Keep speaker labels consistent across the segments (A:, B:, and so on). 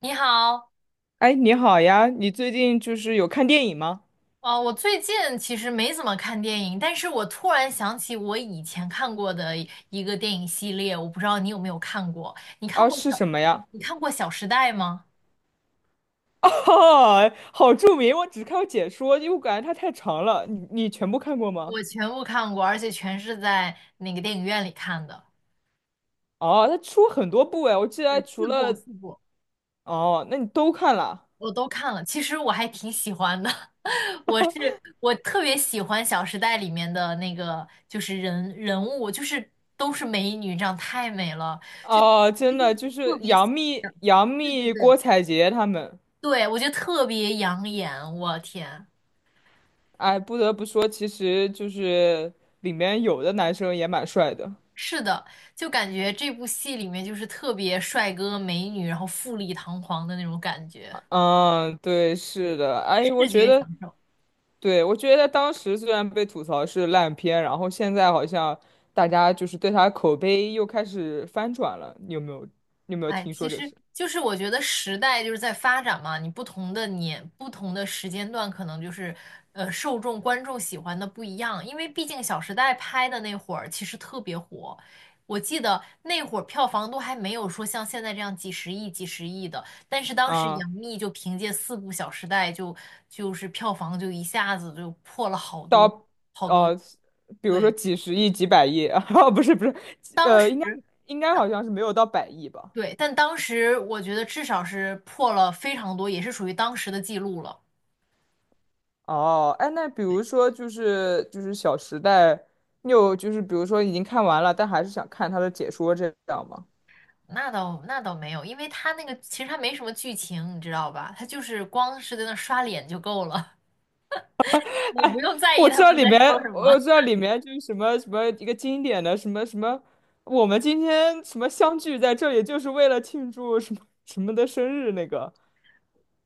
A: 你好。
B: 哎，你好呀，你最近有看电影吗？
A: 哦，我最近其实没怎么看电影，但是我突然想起我以前看过的一个电影系列，我不知道你有没有看过？你看
B: 啊，
A: 过
B: 是
A: 小，
B: 什么呀？
A: 你看过《小时代》吗？
B: 哦，好著名，我只看过解说，因为我感觉它太长了。你全部看过吗？
A: 我全部看过，而且全是在那个电影院里看的。
B: 哦，它出很多部哎，我记得
A: 对，
B: 除
A: 四部
B: 了
A: 四部
B: 哦，那你都看了？
A: 我都看了，其实我还挺喜欢的。我特别喜欢《小时代》里面的那个，就是人物，就是都是美女，这样太美了，
B: 哦，真的就是
A: 特别想，
B: 杨幂、杨
A: 对对
B: 幂、
A: 对。
B: 郭采洁他们。
A: 对，我觉得特别养眼，我天，
B: 哎，不得不说，其实就是里面有的男生也蛮帅的。
A: 是的，就感觉这部戏里面就是特别帅哥美女，然后富丽堂皇的那种感觉，
B: 嗯，对，是的。哎，我
A: 视
B: 觉
A: 觉享
B: 得
A: 受。
B: 对，我觉得当时虽然被吐槽是烂片，然后现在好像大家对他口碑又开始翻转了，你有没有
A: 哎，
B: 听
A: 其
B: 说这
A: 实
B: 事
A: 就是我觉得时代就是在发展嘛，你不同的年、不同的时间段，可能就是受众、观众喜欢的不一样。因为毕竟《小时代》拍的那会儿其实特别火，我记得那会儿票房都还没有说像现在这样几十亿、几十亿的，但是当时杨
B: 啊？
A: 幂就凭借四部《小时代》就就是票房就一下子就破了好多
B: 到
A: 好多亿。
B: 呃，比如说
A: 对。
B: 几十亿、几百亿 啊，不是，
A: 当
B: 呃，应该
A: 时
B: 应该好像是没有到百亿吧？
A: 对，但当时我觉得至少是破了非常多，也是属于当时的记录了。
B: 哦，哎，那比如说《小时代》，你有比如说已经看完了，但还是想看他的解说这样吗？
A: 那倒没有，因为他那个其实他没什么剧情，你知道吧？他就是光是在那刷脸就够了。你不用在意
B: 我
A: 他
B: 知道
A: 们
B: 里
A: 在说
B: 面，
A: 什么。
B: 我知道里面什么什么一个经典的什么什么，我们今天什么相聚在这里，就是为了庆祝什么什么的生日那个。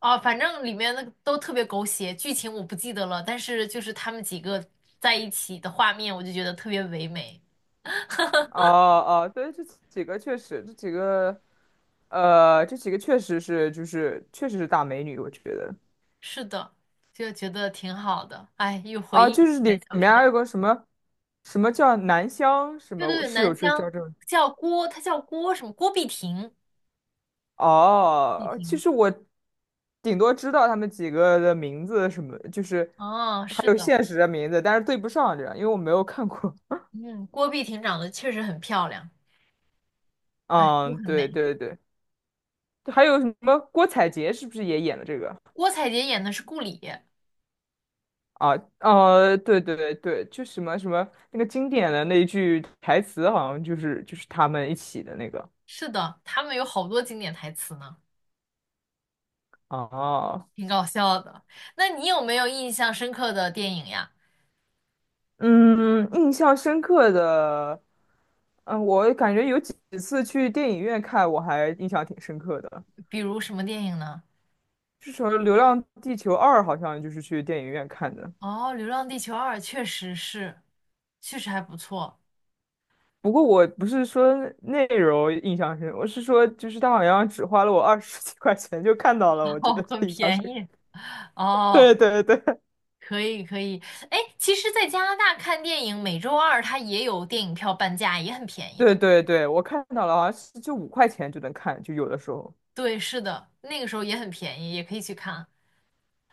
A: 哦，反正里面那个都特别狗血，剧情我不记得了，但是就是他们几个在一起的画面，我就觉得特别唯美。
B: 哦哦，对，这几个，这几个确实是大美女，我觉得。
A: 是的，就觉得挺好的。哎，又回
B: 啊，
A: 忆起
B: 就是
A: 来
B: 里
A: 《小时
B: 面
A: 代》。
B: 还有个什么什么叫南湘，什
A: 对
B: 么
A: 对
B: 我
A: 对，
B: 室
A: 南
B: 友是
A: 湘
B: 叫这
A: 叫郭，他叫郭什么？郭碧婷。碧
B: 哦，其
A: 婷。
B: 实我顶多知道他们几个的名字什么，就是
A: 哦，
B: 还
A: 是
B: 有
A: 的，
B: 现实的名字，但是对不上这样，因为我没有看过。
A: 嗯，郭碧婷长得确实很漂亮，都
B: 嗯，
A: 很
B: 对
A: 美。
B: 对对，还有什么郭采洁是不是也演了这个？
A: 郭采洁演的是顾里，
B: 啊，对，就什么什么那个经典的那一句台词，好像他们一起的那个。
A: 是的，他们有好多经典台词呢，
B: 哦，
A: 挺搞笑的。那你有没有印象深刻的电影呀？
B: 嗯，印象深刻的，嗯，我感觉有几次去电影院看，我还印象挺深刻的。
A: 比如什么电影呢？
B: 是什么《流浪地球二》，好像就是去电影院看的。
A: 哦，《流浪地球二》确实是，确实还不错。
B: 不过我不是说内容印象深，我是说就是他好像只花了我二十几块钱就看到了，我觉
A: 哦，
B: 得
A: 很
B: 印象
A: 便
B: 深刻。
A: 宜。哦，
B: 对对对
A: 可以可以。哎，其实，在加拿大看电影，每周二它也有电影票半价，也很便宜
B: 对
A: 的。
B: 对对，我看到了，好像是就五块钱就能看，就有的时候。
A: 对，是的，那个时候也很便宜，也可以去看。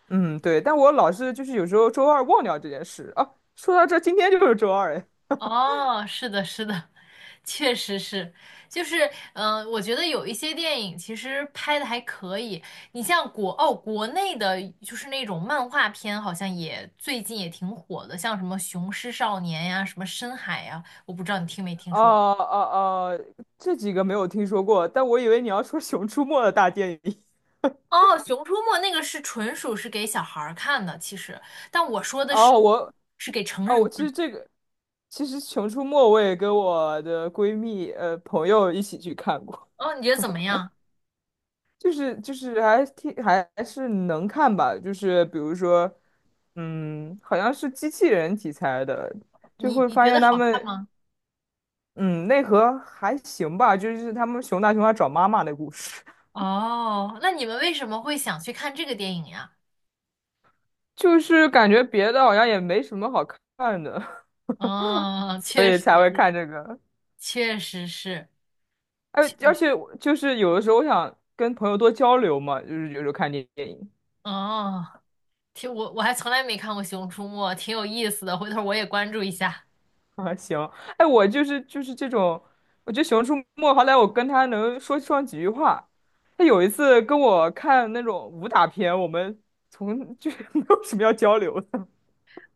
B: 嗯，对，但我老是有时候周二忘掉这件事啊。说到这，今天就是周二哎。
A: 哦，是的，是的，确实是，就是，嗯、我觉得有一些电影其实拍的还可以。你像国，哦，国内的就是那种漫画片，好像也最近也挺火的，像什么《雄狮少年》呀，什么《深海》呀，我不知道你听没听说过。
B: 哦哦哦，这几个没有听说过，但我以为你要说《熊出没》的大电影。
A: 哦，《熊出没》那个是纯属是给小孩儿看的，其实，但我说的
B: 哦，
A: 是
B: 我
A: 是给成
B: 哦，
A: 人
B: 我其
A: 看。
B: 实这个，其实《熊出没》我也跟我的闺蜜朋友一起去看过，
A: 哦，你觉得怎么样？
B: 还还是能看吧，就是比如说，嗯，好像是机器人题材的，就
A: 你
B: 会
A: 你
B: 发
A: 觉得
B: 现他
A: 好看？
B: 们嗯内核还行吧，就是他们熊大熊二找妈妈的故事。
A: 哦，那你们为什么会想去看这个电影呀？
B: 就是感觉别的好像也没什么好看的，
A: 哦，
B: 所
A: 确
B: 以
A: 实，
B: 才会看这个。
A: 确实是，
B: 而
A: 确
B: 而
A: 实，
B: 且我有的时候我想跟朋友多交流嘛，就是有时候看电影
A: 哦，挺，我还从来没看过《熊出没》，挺有意思的，回头我也关注一下。
B: 啊，行，哎，我这种，我觉得熊出没好歹我跟他能说上几句话。他有一次跟我看那种武打片，我们从 就是没有什么要交流的。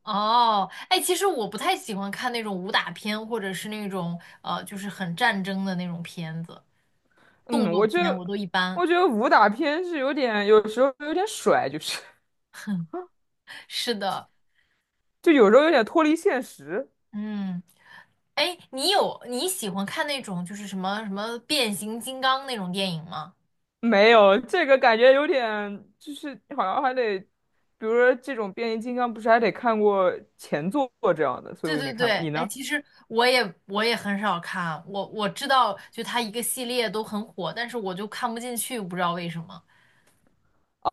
A: 哦，哎，其实我不太喜欢看那种武打片，或者是那种就是很战争的那种片子，动
B: 嗯，
A: 作片我都一般。
B: 我觉得武打片是有点有时候有点甩，就是
A: 是的，
B: 就有时候有点脱离现实。
A: 嗯，哎，你喜欢看那种就是什么什么变形金刚那种电影吗？
B: 没有，这个感觉有点，就是好像还得，比如说这种变形金刚，不是还得看过前作这样的，所以
A: 对
B: 我也
A: 对
B: 没看
A: 对，
B: 过。你
A: 哎，
B: 呢？
A: 其实我也很少看，我知道就它一个系列都很火，但是我就看不进去，不知道为什么。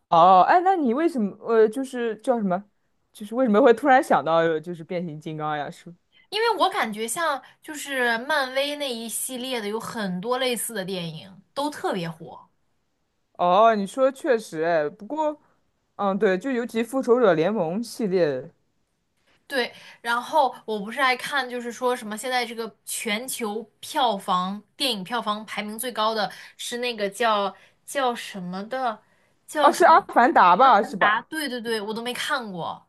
B: 哦，哎，那你为什么就是为什么会突然想到变形金刚呀？是
A: 因为我感觉像就是漫威那一系列的有很多类似的电影都特别火，
B: 哦，你说确实，哎，不过，嗯，对，就尤其复仇者联盟系列，
A: 对。然后我不是爱看，就是说什么现在这个全球票房电影票房排名最高的是那个叫什么的
B: 啊，是阿凡达吧，是
A: 达，
B: 吧？
A: 对对对，我都没看过。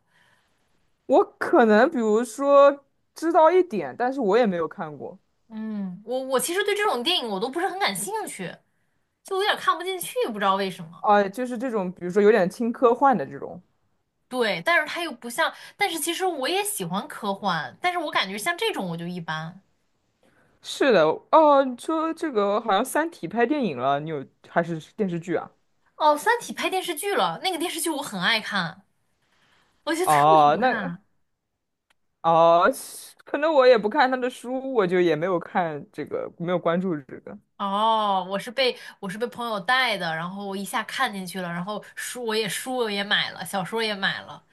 B: 我可能比如说知道一点，但是我也没有看过。
A: 嗯，我其实对这种电影我都不是很感兴趣。就有点看不进去，不知道为什么。
B: 啊，就是这种，比如说有点轻科幻的这种。
A: 对，但是它又不像，但是其实我也喜欢科幻，但是我感觉像这种我就一般。
B: 是的，哦，你说这个好像《三体》拍电影了，你有还是电视剧啊？
A: 哦，《三体》拍电视剧了，那个电视剧我很爱看，我觉得特别好
B: 哦，那
A: 看。
B: 哦，可能我也不看他的书，我就也没有看这个，没有关注这个。
A: 哦，我是被朋友带的，然后我一下看进去了，然后书我也买了，小说也买了。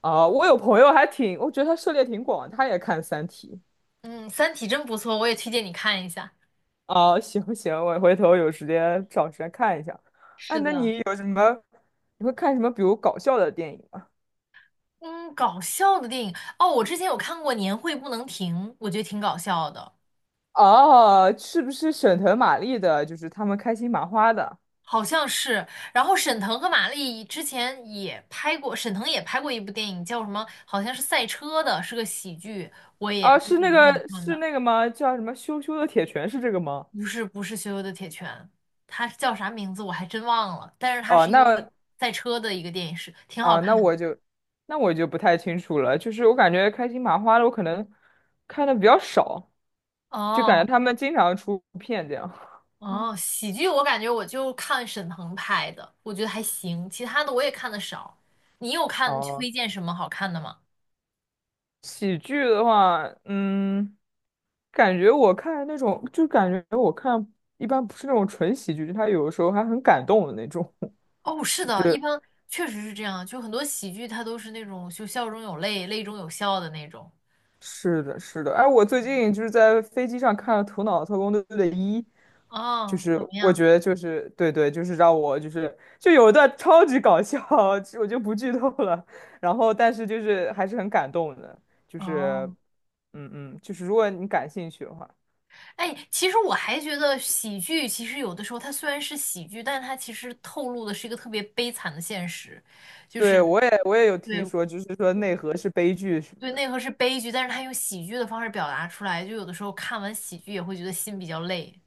B: 哦，我有朋友还挺，我觉得他涉猎挺广，他也看《三体》。
A: 嗯，《三体》真不错，我也推荐你看一下。
B: 哦，行，我回头有时间找时间看一下。哎，
A: 是
B: 那
A: 的，
B: 你你会看什么？比如搞笑的电影吗？
A: 嗯，搞笑的电影哦，我之前有看过《年会不能停》，我觉得挺搞笑的。
B: 哦，是不是沈腾、马丽的？就是他们开心麻花的。
A: 好像是。然后沈腾和马丽之前也拍过，沈腾也拍过一部电影，叫什么？好像是赛车的，是个喜剧，我也
B: 啊，
A: 最近影院看
B: 是
A: 的。
B: 那个吗？叫什么羞羞的铁拳是这个吗？
A: 不是不是《羞羞的铁拳》，它叫啥名字我还真忘了，但是它
B: 哦，
A: 是一个
B: 那
A: 赛车的一个电影，是挺好
B: 啊，
A: 看的。
B: 那我就不太清楚了。就是我感觉开心麻花的，我可能看的比较少，就感
A: 哦
B: 觉他们经常出片这样。
A: 哦，喜剧我感觉我就看沈腾拍的，我觉得还行，其他的我也看的少。你有看
B: 哦，
A: 推荐什么好看的吗？
B: 喜剧的话，嗯，感觉我看那种，就感觉我看一般不是那种纯喜剧，就他有的时候还很感动的那种。
A: 哦，是
B: 就
A: 的，一
B: 是。
A: 般确实是这样，就很多喜剧它都是那种就笑中有泪，泪中有笑的那种。
B: 是的，是的。哎，我最近在飞机上看了《头脑特工队》的一，就
A: 啊。
B: 是
A: 怎么
B: 我
A: 样？
B: 觉得就是对对，就是让我就是就有一段超级搞笑，我就不剧透了。然后，但是就是还是很感动的，就是
A: 哦，
B: 嗯，如果你感兴趣的话，
A: 哎，其实我还觉得喜剧其实有的时候它虽然是喜剧，但它其实透露的是一个特别悲惨的现实，就是
B: 对我也有
A: 对
B: 听说，就是说内核是悲剧什么
A: 对，
B: 的。
A: 内核是悲剧，但是它用喜剧的方式表达出来，就有的时候看完喜剧也会觉得心比较累。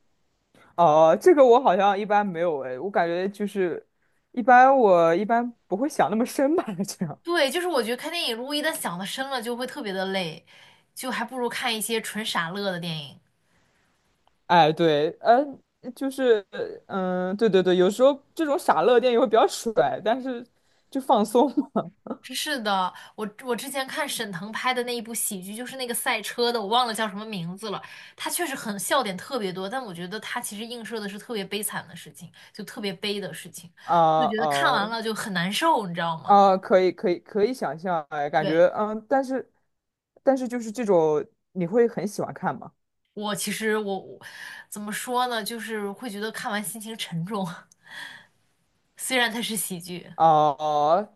B: 哦，这个我好像一般没有哎，我感觉一般不会想那么深吧。这样。
A: 对，就是我觉得看电影如果一旦想的深了，就会特别的累，就还不如看一些纯傻乐的电影。
B: 哎，对，就是，对，有时候这种傻乐电影会比较甩，但是就放松嘛。
A: 是的，我我之前看沈腾拍的那一部喜剧，就是那个赛车的，我忘了叫什么名字了。他确实很笑点特别多，但我觉得他其实映射的是特别悲惨的事情，就特别悲的事情，就
B: 啊
A: 觉得看
B: 啊
A: 完了就很难受，你知道吗？
B: 啊，可以想象，哎，感
A: 对，
B: 觉，嗯，但是这种你会很喜欢看吗？
A: 我其实怎么说呢，就是会觉得看完心情沉重。虽然它是喜剧，
B: 哦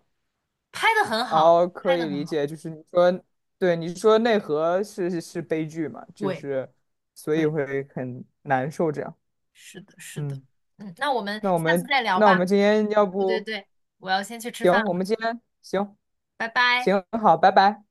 A: 拍的很好，
B: 哦，可
A: 拍的
B: 以
A: 很
B: 理
A: 好。
B: 解，就是你说，对，你说内核是是悲剧嘛，就
A: 对
B: 是所以
A: 对，
B: 会很难受这样，
A: 是的，是的，
B: 嗯，
A: 嗯，那我们下次再聊
B: 那我们
A: 吧。
B: 今天要
A: 对对
B: 不。
A: 对，我要先去吃饭
B: 行，我
A: 了，
B: 们今天行
A: 拜拜。
B: 行好，拜拜。